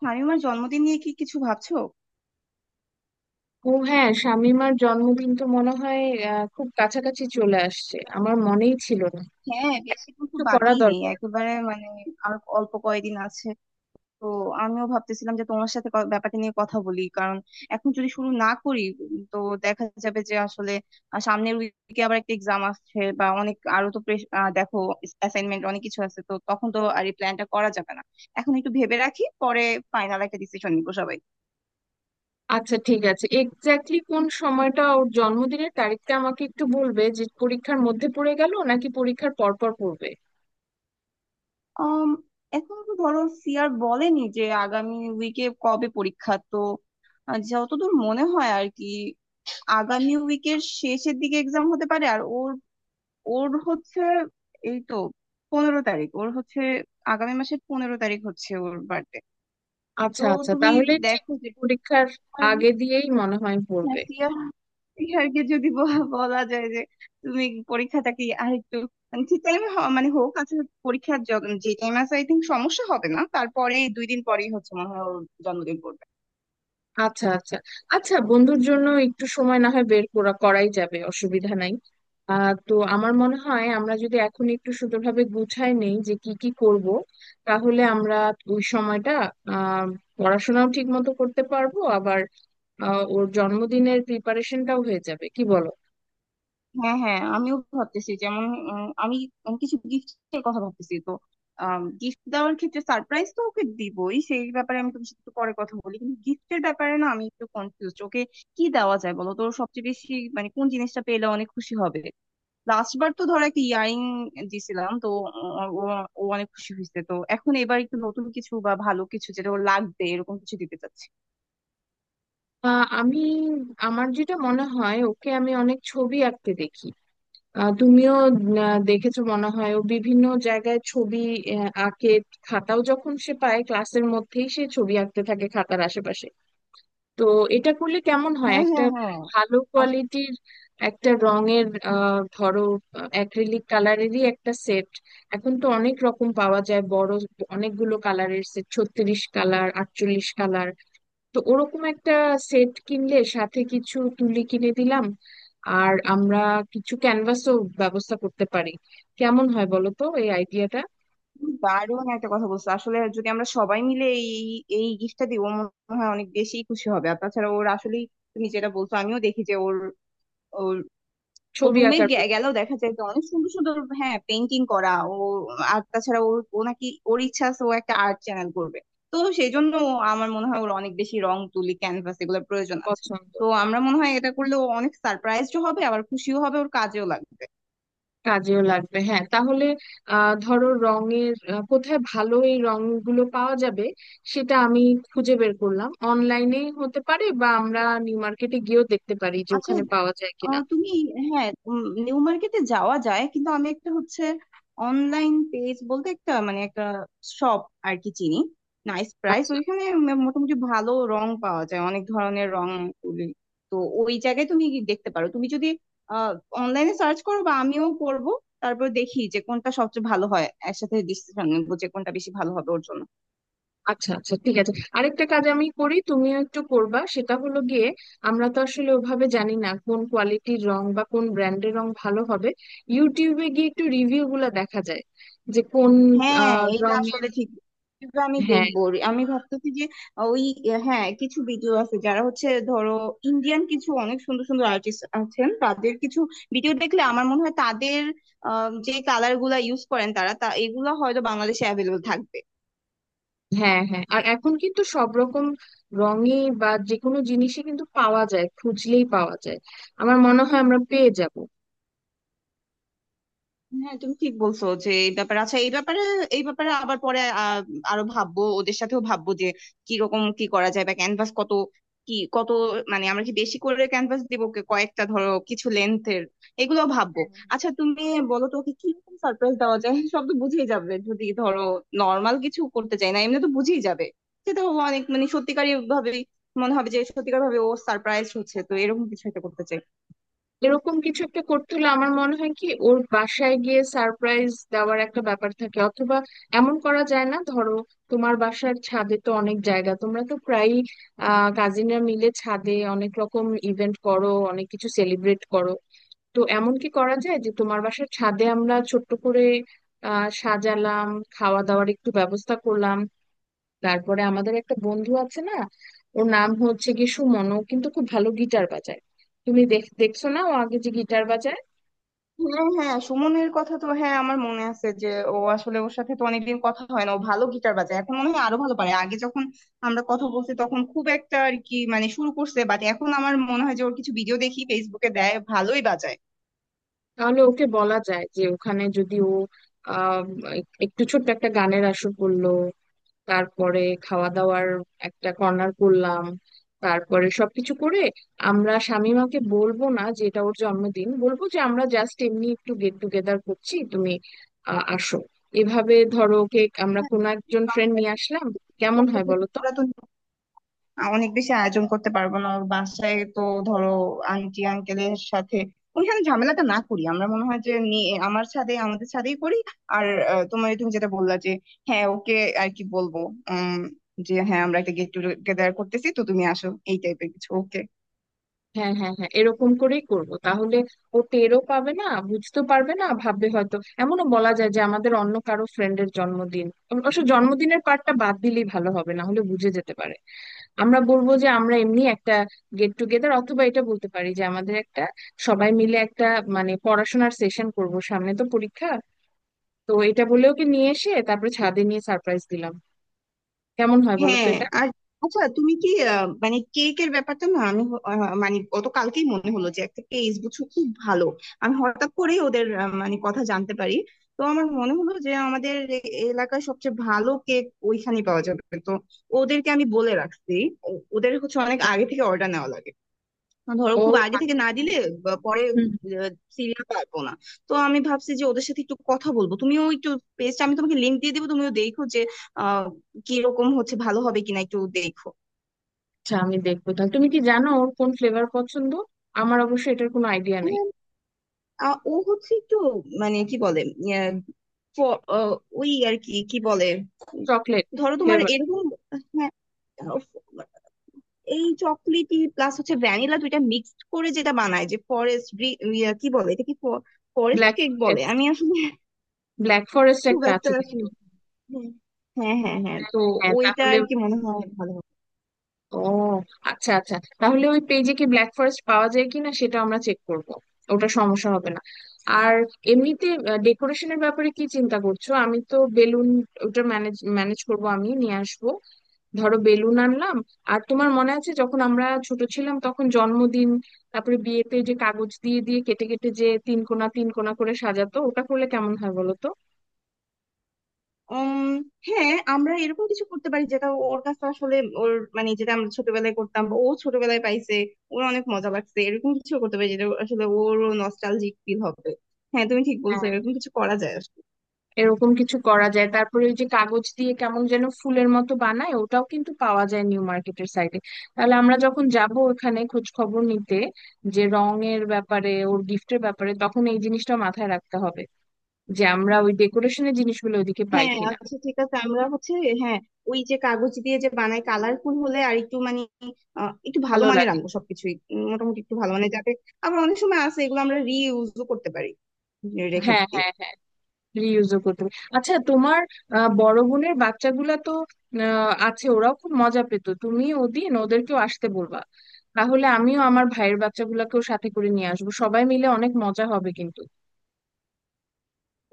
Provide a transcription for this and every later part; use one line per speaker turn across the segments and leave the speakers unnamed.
শামিমার জন্মদিন নিয়ে কি কিছু ভাবছো?
ও হ্যাঁ, শামীমার জন্মদিন তো মনে হয় খুব কাছাকাছি চলে আসছে, আমার মনেই ছিল না।
হ্যাঁ, বেশি কিন্তু
কিছু করা
বাকিই নেই
দরকার।
একেবারে, মানে আর অল্প কয়েকদিন আছে। তো আমিও ভাবতেছিলাম যে তোমার সাথে ব্যাপারটা নিয়ে কথা বলি, কারণ এখন যদি শুরু না করি তো দেখা যাবে যে আসলে সামনের উইকে আবার একটা এক্সাম আসছে বা অনেক আরো, তো দেখো অ্যাসাইনমেন্ট অনেক কিছু আছে, তো তখন তো আর এই প্ল্যানটা করা যাবে না। এখন একটু ভেবে রাখি, পরে ফাইনাল একটা ডিসিশন নিবো সবাই।
আচ্ছা ঠিক আছে, এক্স্যাক্টলি কোন সময়টা ওর জন্মদিনের তারিখটা আমাকে একটু বলবে, যে পরীক্ষার মধ্যে পড়ে গেল নাকি পরীক্ষার পরপর পড়বে।
আম, এখন ধরো সিআর বলেনি যে আগামী উইকে কবে পরীক্ষা, তো যতদূর মনে হয় আর কি, আগামী উইকের শেষের দিকে এক্সাম হতে পারে, আর ওর ওর হচ্ছে এই তো 15 তারিখ ওর হচ্ছে, আগামী মাসের 15 তারিখ হচ্ছে ওর বার্থডে। তো
আচ্ছা আচ্ছা,
তুমি
তাহলে ঠিক
দেখো যে
পরীক্ষার আগে দিয়েই মনে হয় পড়বে।
নাসিয়া নাসিহাকে যদি বলা যায় যে তুমি পরীক্ষাটা কি আরেকটু, মানে ঠিক টাইমে মানে হোক আসলে, পরীক্ষার যে টাইম আছে আই থিঙ্ক সমস্যা হবে না, তারপরে 2 দিন পরেই হচ্ছে মনে হয় ওর জন্মদিন পড়বে।
আচ্ছা আচ্ছা। আচ্ছা, বন্ধুর জন্য একটু সময় না হয় বের করা করাই যাবে, অসুবিধা নাই। তো আমার মনে হয় আমরা যদি এখন একটু সুন্দরভাবে গুছাই নেই যে কি কি করব, তাহলে আমরা ওই সময়টা আহ পড়াশোনাও ঠিক মতো করতে পারবো, আবার ওর জন্মদিনের প্রিপারেশনটাও হয়ে যাবে। কি বলো?
হ্যাঁ, হ্যাঁ, আমিও ভাবতেছি যেমন আমি আমি কিছু গিফটের কথা ভাবতেছি, তো গিফট দেওয়ার ক্ষেত্রে সারপ্রাইজ তো ওকে দিবই, সেই ব্যাপারে আমি তোমার সাথে একটু পরে কথা বলি, কিন্তু গিফটের ব্যাপারে না আমি একটু কনফিউজ, ওকে কি দেওয়া যায় বলো তো? ওর সবচেয়ে বেশি মানে কোন জিনিসটা পেলে অনেক খুশি হবে? লাস্ট বার তো ধরো একটা ইয়ারিং দিছিলাম, তো ও ও অনেক খুশি হয়েছে, তো এখন এবার একটু নতুন কিছু বা ভালো কিছু যেটা ওর লাগবে এরকম কিছু দিতে চাচ্ছি।
আহ, আমি আমার যেটা মনে হয়, ওকে আমি অনেক ছবি আঁকতে দেখি। তুমিও দেখেছো মনে হয়, ও বিভিন্ন জায়গায় ছবি আঁকে। খাতাও যখন সে পায় ক্লাসের মধ্যেই সে ছবি আঁকতে থাকে খাতার আশেপাশে। তো এটা করলে কেমন হয়,
হ্যাঁ,
একটা
হ্যাঁ, হ্যাঁ,
ভালো
আসলে
কোয়ালিটির একটা রঙের, ধরো অ্যাক্রিলিক কালারেরই একটা সেট। এখন তো অনেক রকম পাওয়া যায়, বড় অনেকগুলো কালারের সেট, 36 কালার, 48 কালার। তো ওরকম একটা সেট কিনলে সাথে কিছু তুলি কিনে দিলাম, আর আমরা কিছু ক্যানভাসও ব্যবস্থা করতে পারি। কেমন হয় বলো তো এই আইডিয়াটা?
দারুণ একটা কথা বলছো। আসলে যদি আমরা সবাই মিলে এই এই গিফটটা দিই ও মনে হয় অনেক বেশি খুশি হবে, আর তাছাড়া ওর আসলেই তুমি যেটা বলছো আমিও দেখি যে ওর, ও
ছবি
রুমে
আঁকার প্রতি
গেলেও দেখা যায় তো অনেক সুন্দর সুন্দর, হ্যাঁ, পেন্টিং করা। ও আর তাছাড়া ওর, ও নাকি ওর ইচ্ছা আছে ও একটা আর্ট চ্যানেল করবে, তো সেই জন্য আমার মনে হয় ওর অনেক বেশি রং, তুলি, ক্যানভাস এগুলোর প্রয়োজন আছে।
পছন্দ।
তো আমরা মনে হয় এটা করলে ও অনেক সারপ্রাইজড হবে, আবার খুশিও হবে, ওর কাজেও লাগবে।
কাজেও লাগবে, হ্যাঁ। তাহলে ধরো রঙের, কোথায় ভালো এই রংগুলো পাওয়া যাবে সেটা আমি খুঁজে বের করলাম, অনলাইনে হতে পারে বা আমরা নিউ মার্কেটে গিয়েও দেখতে পারি যে
আচ্ছা,
ওখানে পাওয়া যায় কিনা।
তুমি, হ্যাঁ, নিউ মার্কেটে যাওয়া যায়, কিন্তু আমি একটা হচ্ছে অনলাইন পেজ বলতে একটা মানে একটা শপ আর কি চিনি, নাইস প্রাইস,
আচ্ছা
ওইখানে মোটামুটি ভালো রং পাওয়া যায় অনেক ধরনের, রং, তুলি। তো ওই জায়গায় তুমি কি দেখতে পারো, তুমি যদি আহ অনলাইনে সার্চ করো বা আমিও করব, তারপর দেখি যে কোনটা সবচেয়ে ভালো হয়, একসাথে ডিসিশন নেবো যে কোনটা বেশি ভালো হবে ওর জন্য।
আচ্ছা। আচ্ছা ঠিক আছে, আরেকটা কাজ আমি করি, তুমিও একটু করবা। সেটা হলো গিয়ে, আমরা তো আসলে ওভাবে জানি না কোন কোয়ালিটির রং বা কোন ব্র্যান্ডের রং ভালো হবে। ইউটিউবে গিয়ে একটু রিভিউ গুলা দেখা যায় যে কোন
হ্যাঁ, এটা
রঙের।
আসলে ঠিক, কিন্তু আমি
হ্যাঁ,
দেখবো। আমি ভাবতেছি যে ওই, হ্যাঁ কিছু ভিডিও আছে যারা হচ্ছে, ধরো ইন্ডিয়ান কিছু অনেক সুন্দর সুন্দর আর্টিস্ট আছেন, তাদের কিছু ভিডিও দেখলে আমার মনে হয় তাদের যে কালার গুলা ইউজ করেন তারা, তা এগুলা হয়তো বাংলাদেশে অ্যাভেলেবল থাকবে।
হ্যাঁ, হ্যাঁ, আর এখন কিন্তু সব রকম রঙে বা যে কোনো জিনিসে কিন্তু পাওয়া যায়, খুঁজলেই পাওয়া যায়। আমার মনে হয় আমরা পেয়ে যাব।
হ্যাঁ তুমি ঠিক বলছো। যে এই ব্যাপারে, আচ্ছা এই ব্যাপারে আবার পরে আরো ভাববো, ওদের সাথেও ভাববো যে কি রকম কি করা যায়, বা ক্যানভাস কত, কি কত, মানে আমরা কি বেশি করে ক্যানভাস দিব, কয়েকটা ধরো কিছু লেন্থের, এগুলো ভাববো। আচ্ছা তুমি বলো তো, ওকে কি রকম সারপ্রাইজ দেওয়া যায়? সব তো বুঝেই যাবে যদি ধরো নর্মাল কিছু, করতে চাই না, এমনি তো বুঝেই যাবে সেটা। অনেক মানে সত্যিকারই ভাবে মনে হবে যে সত্যিকার ভাবে ও সারপ্রাইজ হচ্ছে, তো এরকম কিছু একটা করতে চাই।
এরকম কিছু একটা করতে হলে আমার মনে হয় কি, ওর বাসায় গিয়ে সারপ্রাইজ দেওয়ার একটা ব্যাপার থাকে, অথবা এমন করা যায় না ধরো, তোমার বাসার ছাদে তো অনেক জায়গা, তোমরা তো প্রায়ই কাজিনরা মিলে ছাদে অনেক রকম ইভেন্ট করো, অনেক কিছু সেলিব্রেট করো। তো এমন কি করা যায় যে তোমার বাসার ছাদে আমরা ছোট্ট করে সাজালাম, খাওয়া দাওয়ার একটু ব্যবস্থা করলাম। তারপরে আমাদের একটা বন্ধু আছে না, ওর নাম হচ্ছে কি সুমন, ও কিন্তু খুব ভালো গিটার বাজায়। তুমি দেখ, দেখছো না ও আগে যে গিটার বাজায়।
হ্যাঁ, হ্যাঁ, সুমনের কথা তো, হ্যাঁ আমার মনে আছে, যে ও আসলে, ওর সাথে তো অনেকদিন কথা হয় না, ও ভালো গিটার বাজায়, এখন মনে হয় আরো ভালো পারে। আগে যখন আমরা কথা বলছি তখন খুব একটা আর কি, মানে শুরু করছে, বাট এখন আমার মনে হয় যে ওর কিছু ভিডিও দেখি ফেসবুকে দেয়, ভালোই বাজায়।
তাহলে ওকে বলা যায় যে ওখানে যদি ও আহ একটু ছোট্ট একটা গানের আসর করলো, তারপরে খাওয়া দাওয়ার একটা কর্নার করলাম, তারপরে সবকিছু করে আমরা শামিমাকে বলবো না যে এটা ওর জন্মদিন, বলবো যে আমরা জাস্ট এমনি একটু গেট টুগেদার করছি, তুমি আসো। এভাবে ধরো, কেক আমরা
হ্যাঁ,
কোনো একজন ফ্রেন্ড নিয়ে আসলাম। কেমন হয় বলো তো?
বাংলাদেশের তো অনেক বেশি আয়োজন করতে পারবো না। ওর বাসায় তো ধরো আন্টি আঙ্কেলের সাথে ওইখানে ঝামেলাটা না করি, আমরা মনে হয় যে নিয়ে আমার ছাদে, আমাদের ছাদেই করি। আর তোমার, তুমি যেটা বললা যে হ্যাঁ, ওকে আর কি বলবো, উম যে হযাঁ আমরা একটা গেট টুগেদার করতেছি তো তুমি আসো, এই টাইপের কিছু, ওকে।
হ্যাঁ, হ্যাঁ, হ্যাঁ, এরকম করেই করব তাহলে। ও টেরও পাবে না, বুঝতে পারবে না, ভাববে হয়তো এমনও বলা যায় যে আমাদের অন্য কারো ফ্রেন্ডের জন্মদিন। অবশ্য জন্মদিনের পার্টটা বাদ দিলেই ভালো হবে, না হলে বুঝে যেতে পারে। আমরা বলবো যে আমরা এমনি একটা গেট টুগেদার, অথবা এটা বলতে পারি যে আমাদের একটা সবাই মিলে একটা মানে পড়াশোনার সেশন করব, সামনে তো পরীক্ষা। তো এটা বলে ওকে নিয়ে এসে তারপরে ছাদে নিয়ে সারপ্রাইজ দিলাম। কেমন হয় বলো তো
হ্যাঁ,
এটা?
আর আচ্ছা, তুমি কি মানে কেকের ব্যাপারটা, না আমি মানে গত কালকেই মনে হলো যে একটা কেস, বুঝছো, খুব ভালো। আমি হঠাৎ করেই ওদের মানে কথা জানতে পারি, তো আমার মনে হলো যে আমাদের এলাকার সবচেয়ে ভালো কেক ওইখানেই পাওয়া যাবে। তো ওদেরকে আমি বলে রাখছি, ওদের হচ্ছে অনেক
আচ্ছা।
আগে থেকে অর্ডার নেওয়া লাগে। ধরো
ও
খুব আগে থেকে
আচ্ছা।
না দিলে বা পরে
হুম।
সিরিয়াল পারবো না। তো আমি ভাবছি যে ওদের সাথে একটু কথা বলবো, তুমিও একটু, পেজটা আমি তোমাকে লিংক দিয়ে দিবো, তুমিও দেখো যে আহ কিরকম হচ্ছে, ভালো হবে কিনা একটু দেখো।
আচ্ছা, আমি দেখবো তাহলে। তুমি কি জানো ওর কোন ফ্লেভার পছন্দ? আমার অবশ্য এটার কোনো আইডিয়া নাই।
হ্যাঁ, ও হচ্ছে একটু, মানে কি বলে, আহ, ফ- আহ, ওই আর কি কি বলে,
চকলেট
ধরো তোমার
ফ্লেভার?
এরকম, হ্যাঁ এই চকলেটি প্লাস হচ্ছে ভ্যানিলা, দুইটা মিক্সড করে যেটা বানায় যে, ফরেস্ট কি বলে এটা, কি ফরেস্ট
ব্ল্যাক
কেক বলে
ফরেস্ট।
আমি আসলে
ব্ল্যাক ফরেস্ট
খুব
একটা আছে
একটা
কিন্তু।
আসলে, হুম, হ্যাঁ, হ্যাঁ, হ্যাঁ,
হ্যাঁ,
তো
হ্যাঁ, হ্যাঁ,
ওইটা
তাহলে।
আর কি মনে হয় ভালো হবে।
ও আচ্ছা আচ্ছা, তাহলে ওই পেজে কি ব্ল্যাক ফরেস্ট পাওয়া যায় কিনা সেটা আমরা চেক করব। ওটা সমস্যা হবে না। আর এমনিতে ডেকোরেশনের ব্যাপারে কি চিন্তা করছো? আমি তো বেলুন, ওটা ম্যানেজ ম্যানেজ করব, আমি নিয়ে আসবো। ধরো বেলুন আনলাম, আর তোমার মনে আছে যখন আমরা ছোট ছিলাম তখন জন্মদিন, তারপরে বিয়েতে যে কাগজ দিয়ে দিয়ে কেটে কেটে যে তিন কোণা তিন কোণা করে সাজাতো, ওটা করলে কেমন হয় বলো তো?
উম হ্যাঁ আমরা এরকম কিছু করতে পারি যেটা ওর কাছে আসলে ওর, মানে যেটা আমরা ছোটবেলায় করতাম বা ও ছোটবেলায় পাইছে ওর অনেক মজা লাগছে, এরকম কিছু করতে পারি যেটা আসলে ওরও নস্টালজিক ফিল হবে। হ্যাঁ, তুমি ঠিক বলছো, এরকম কিছু করা যায় আসলে।
এরকম কিছু করা যায়। তারপরে ওই যে কাগজ দিয়ে কেমন যেন ফুলের মতো বানায়, ওটাও কিন্তু পাওয়া যায় নিউ মার্কেটের সাইডে। তাহলে আমরা যখন যাব ওখানে খোঁজ খবর নিতে, যে রঙের ব্যাপারে, ওর গিফটের ব্যাপারে, তখন এই জিনিসটা মাথায় রাখতে হবে যে আমরা ওই ডেকোরেশনের জিনিসগুলো ওইদিকে পাই
হ্যাঁ,
কিনা।
আচ্ছা ঠিক আছে, আমরা হচ্ছে হ্যাঁ, ওই যে কাগজ দিয়ে যে বানায়, কালারফুল হলে আর একটু মানে একটু ভালো
ভালো
মানের
লাগে।
আনবো সবকিছুই, মোটামুটি একটু ভালো মানের যাবে। আবার অনেক সময় আছে এগুলো আমরা রিইউজও করতে পারি, রেখে
হ্যাঁ,
দিয়ে।
হ্যাঁ, হ্যাঁ, রিইউজও করতে পারি। আচ্ছা, তোমার বড় বোনের বাচ্চাগুলা তো আছে, ওরাও খুব মজা পেতো, তুমি ওদিন ওদেরকেও আসতে বলবা। তাহলে আমিও আমার ভাইয়ের বাচ্চাগুলাকেও সাথে করে নিয়ে আসবো, সবাই মিলে অনেক মজা হবে কিন্তু।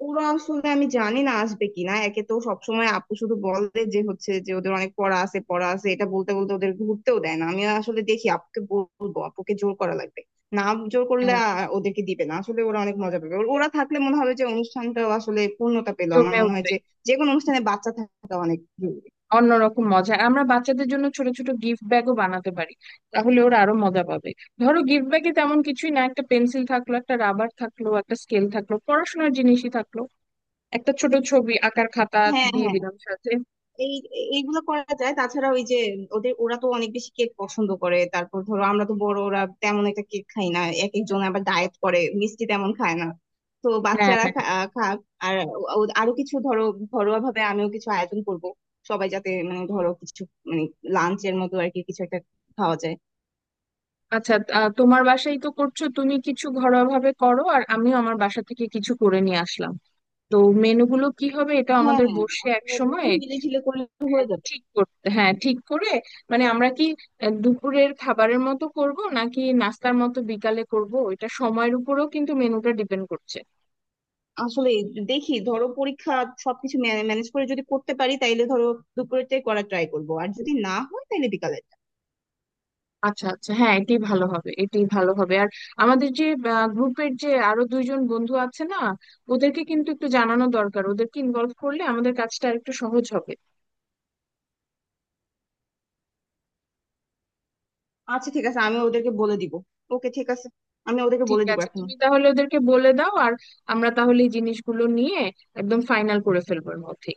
ওরা আসলে আমি জানি না আসবে কিনা, একে তো সবসময় আপু শুধু বলে যে হচ্ছে যে ওদের অনেক পড়া আছে, পড়া আছে, এটা বলতে বলতে ওদের ঘুরতেও দেয় না, আমি আসলে দেখি আপুকে বলবো, আপুকে জোর করা লাগবে, না জোর করলে
হ্যাঁ,
ওদেরকে দিবে না। আসলে ওরা অনেক মজা পাবে, ওরা থাকলে মনে হবে যে অনুষ্ঠানটাও আসলে পূর্ণতা পেলো। আমার
জমে
মনে হয়
উঠবে।
যে, যে কোনো অনুষ্ঠানে বাচ্চা থাকা অনেক জরুরি।
অন্যরকম মজা। আর আমরা বাচ্চাদের জন্য ছোট ছোট গিফট ব্যাগও বানাতে পারি, তাহলে ওরা আরো মজা পাবে। ধরো গিফট ব্যাগে তেমন কিছুই না, একটা পেন্সিল থাকলো, একটা রাবার থাকলো, একটা স্কেল থাকলো, পড়াশোনার জিনিসই থাকলো, একটা ছোট ছবি আঁকার খাতা
হ্যাঁ,
দিয়ে
হ্যাঁ,
দিলাম সাথে।
এই এইগুলো করা যায়, তাছাড়া ওই যে ওদের, ওরা তো অনেক বেশি কেক পছন্দ করে, তারপর ধরো আমরা তো বড়, ওরা তেমন একটা কেক খাই না, এক একজন আবার ডায়েট করে, মিষ্টি তেমন খায় না, তো
হ্যাঁ,
বাচ্চারা
হ্যাঁ।
খা- আহ খাক। আর আরো কিছু ধরো, ঘরোয়া ভাবে আমিও কিছু আয়োজন করব, সবাই যাতে মানে ধরো কিছু, মানে লাঞ্চের মতো আর কি কিছু একটা খাওয়া যায়।
আচ্ছা, তোমার বাসায় তো করছো, তুমি কিছু ঘরোয়া ভাবে করো আর আমিও আমার বাসা থেকে কিছু করে নিয়ে আসলাম। তো মেনুগুলো কি হবে এটা
হ্যাঁ,
আমাদের বসে এক
আসলে
সময়
দুজন মিলে ঝিলে করলে
হ্যাঁ,
হয়ে যাবে।
ঠিক করতে হ্যাঁ
হুম।
ঠিক করে মানে আমরা কি দুপুরের খাবারের মতো করব নাকি নাস্তার মতো বিকালে করব, এটা সময়ের উপরেও কিন্তু মেনুটা ডিপেন্ড করছে।
আসলে দেখি ধরো পরীক্ষা সবকিছু ম্যানেজ করে যদি করতে পারি তাইলে ধরো দুপুরেরটাই করার ট্রাই করব, আর যদি না হয় তাহলে বিকালেরটা।
আচ্ছা আচ্ছা, হ্যাঁ এটাই ভালো হবে, এটাই ভালো হবে। আর আমাদের যে গ্রুপের যে আরো দুইজন বন্ধু আছে না, ওদেরকে কিন্তু একটু জানানো দরকার, ওদেরকে ইনভলভ করলে আমাদের কাজটা আরেকটু সহজ হবে।
আচ্ছা ঠিক আছে, আমি ওদেরকে বলে দিব। ওকে, ঠিক আছে, আমি ওদেরকে
ঠিক
বলে দিব
আছে,
এখন।
তুমি তাহলে ওদেরকে বলে দাও, আর আমরা তাহলে এই জিনিসগুলো নিয়ে একদম ফাইনাল করে ফেলবো এর মধ্যে।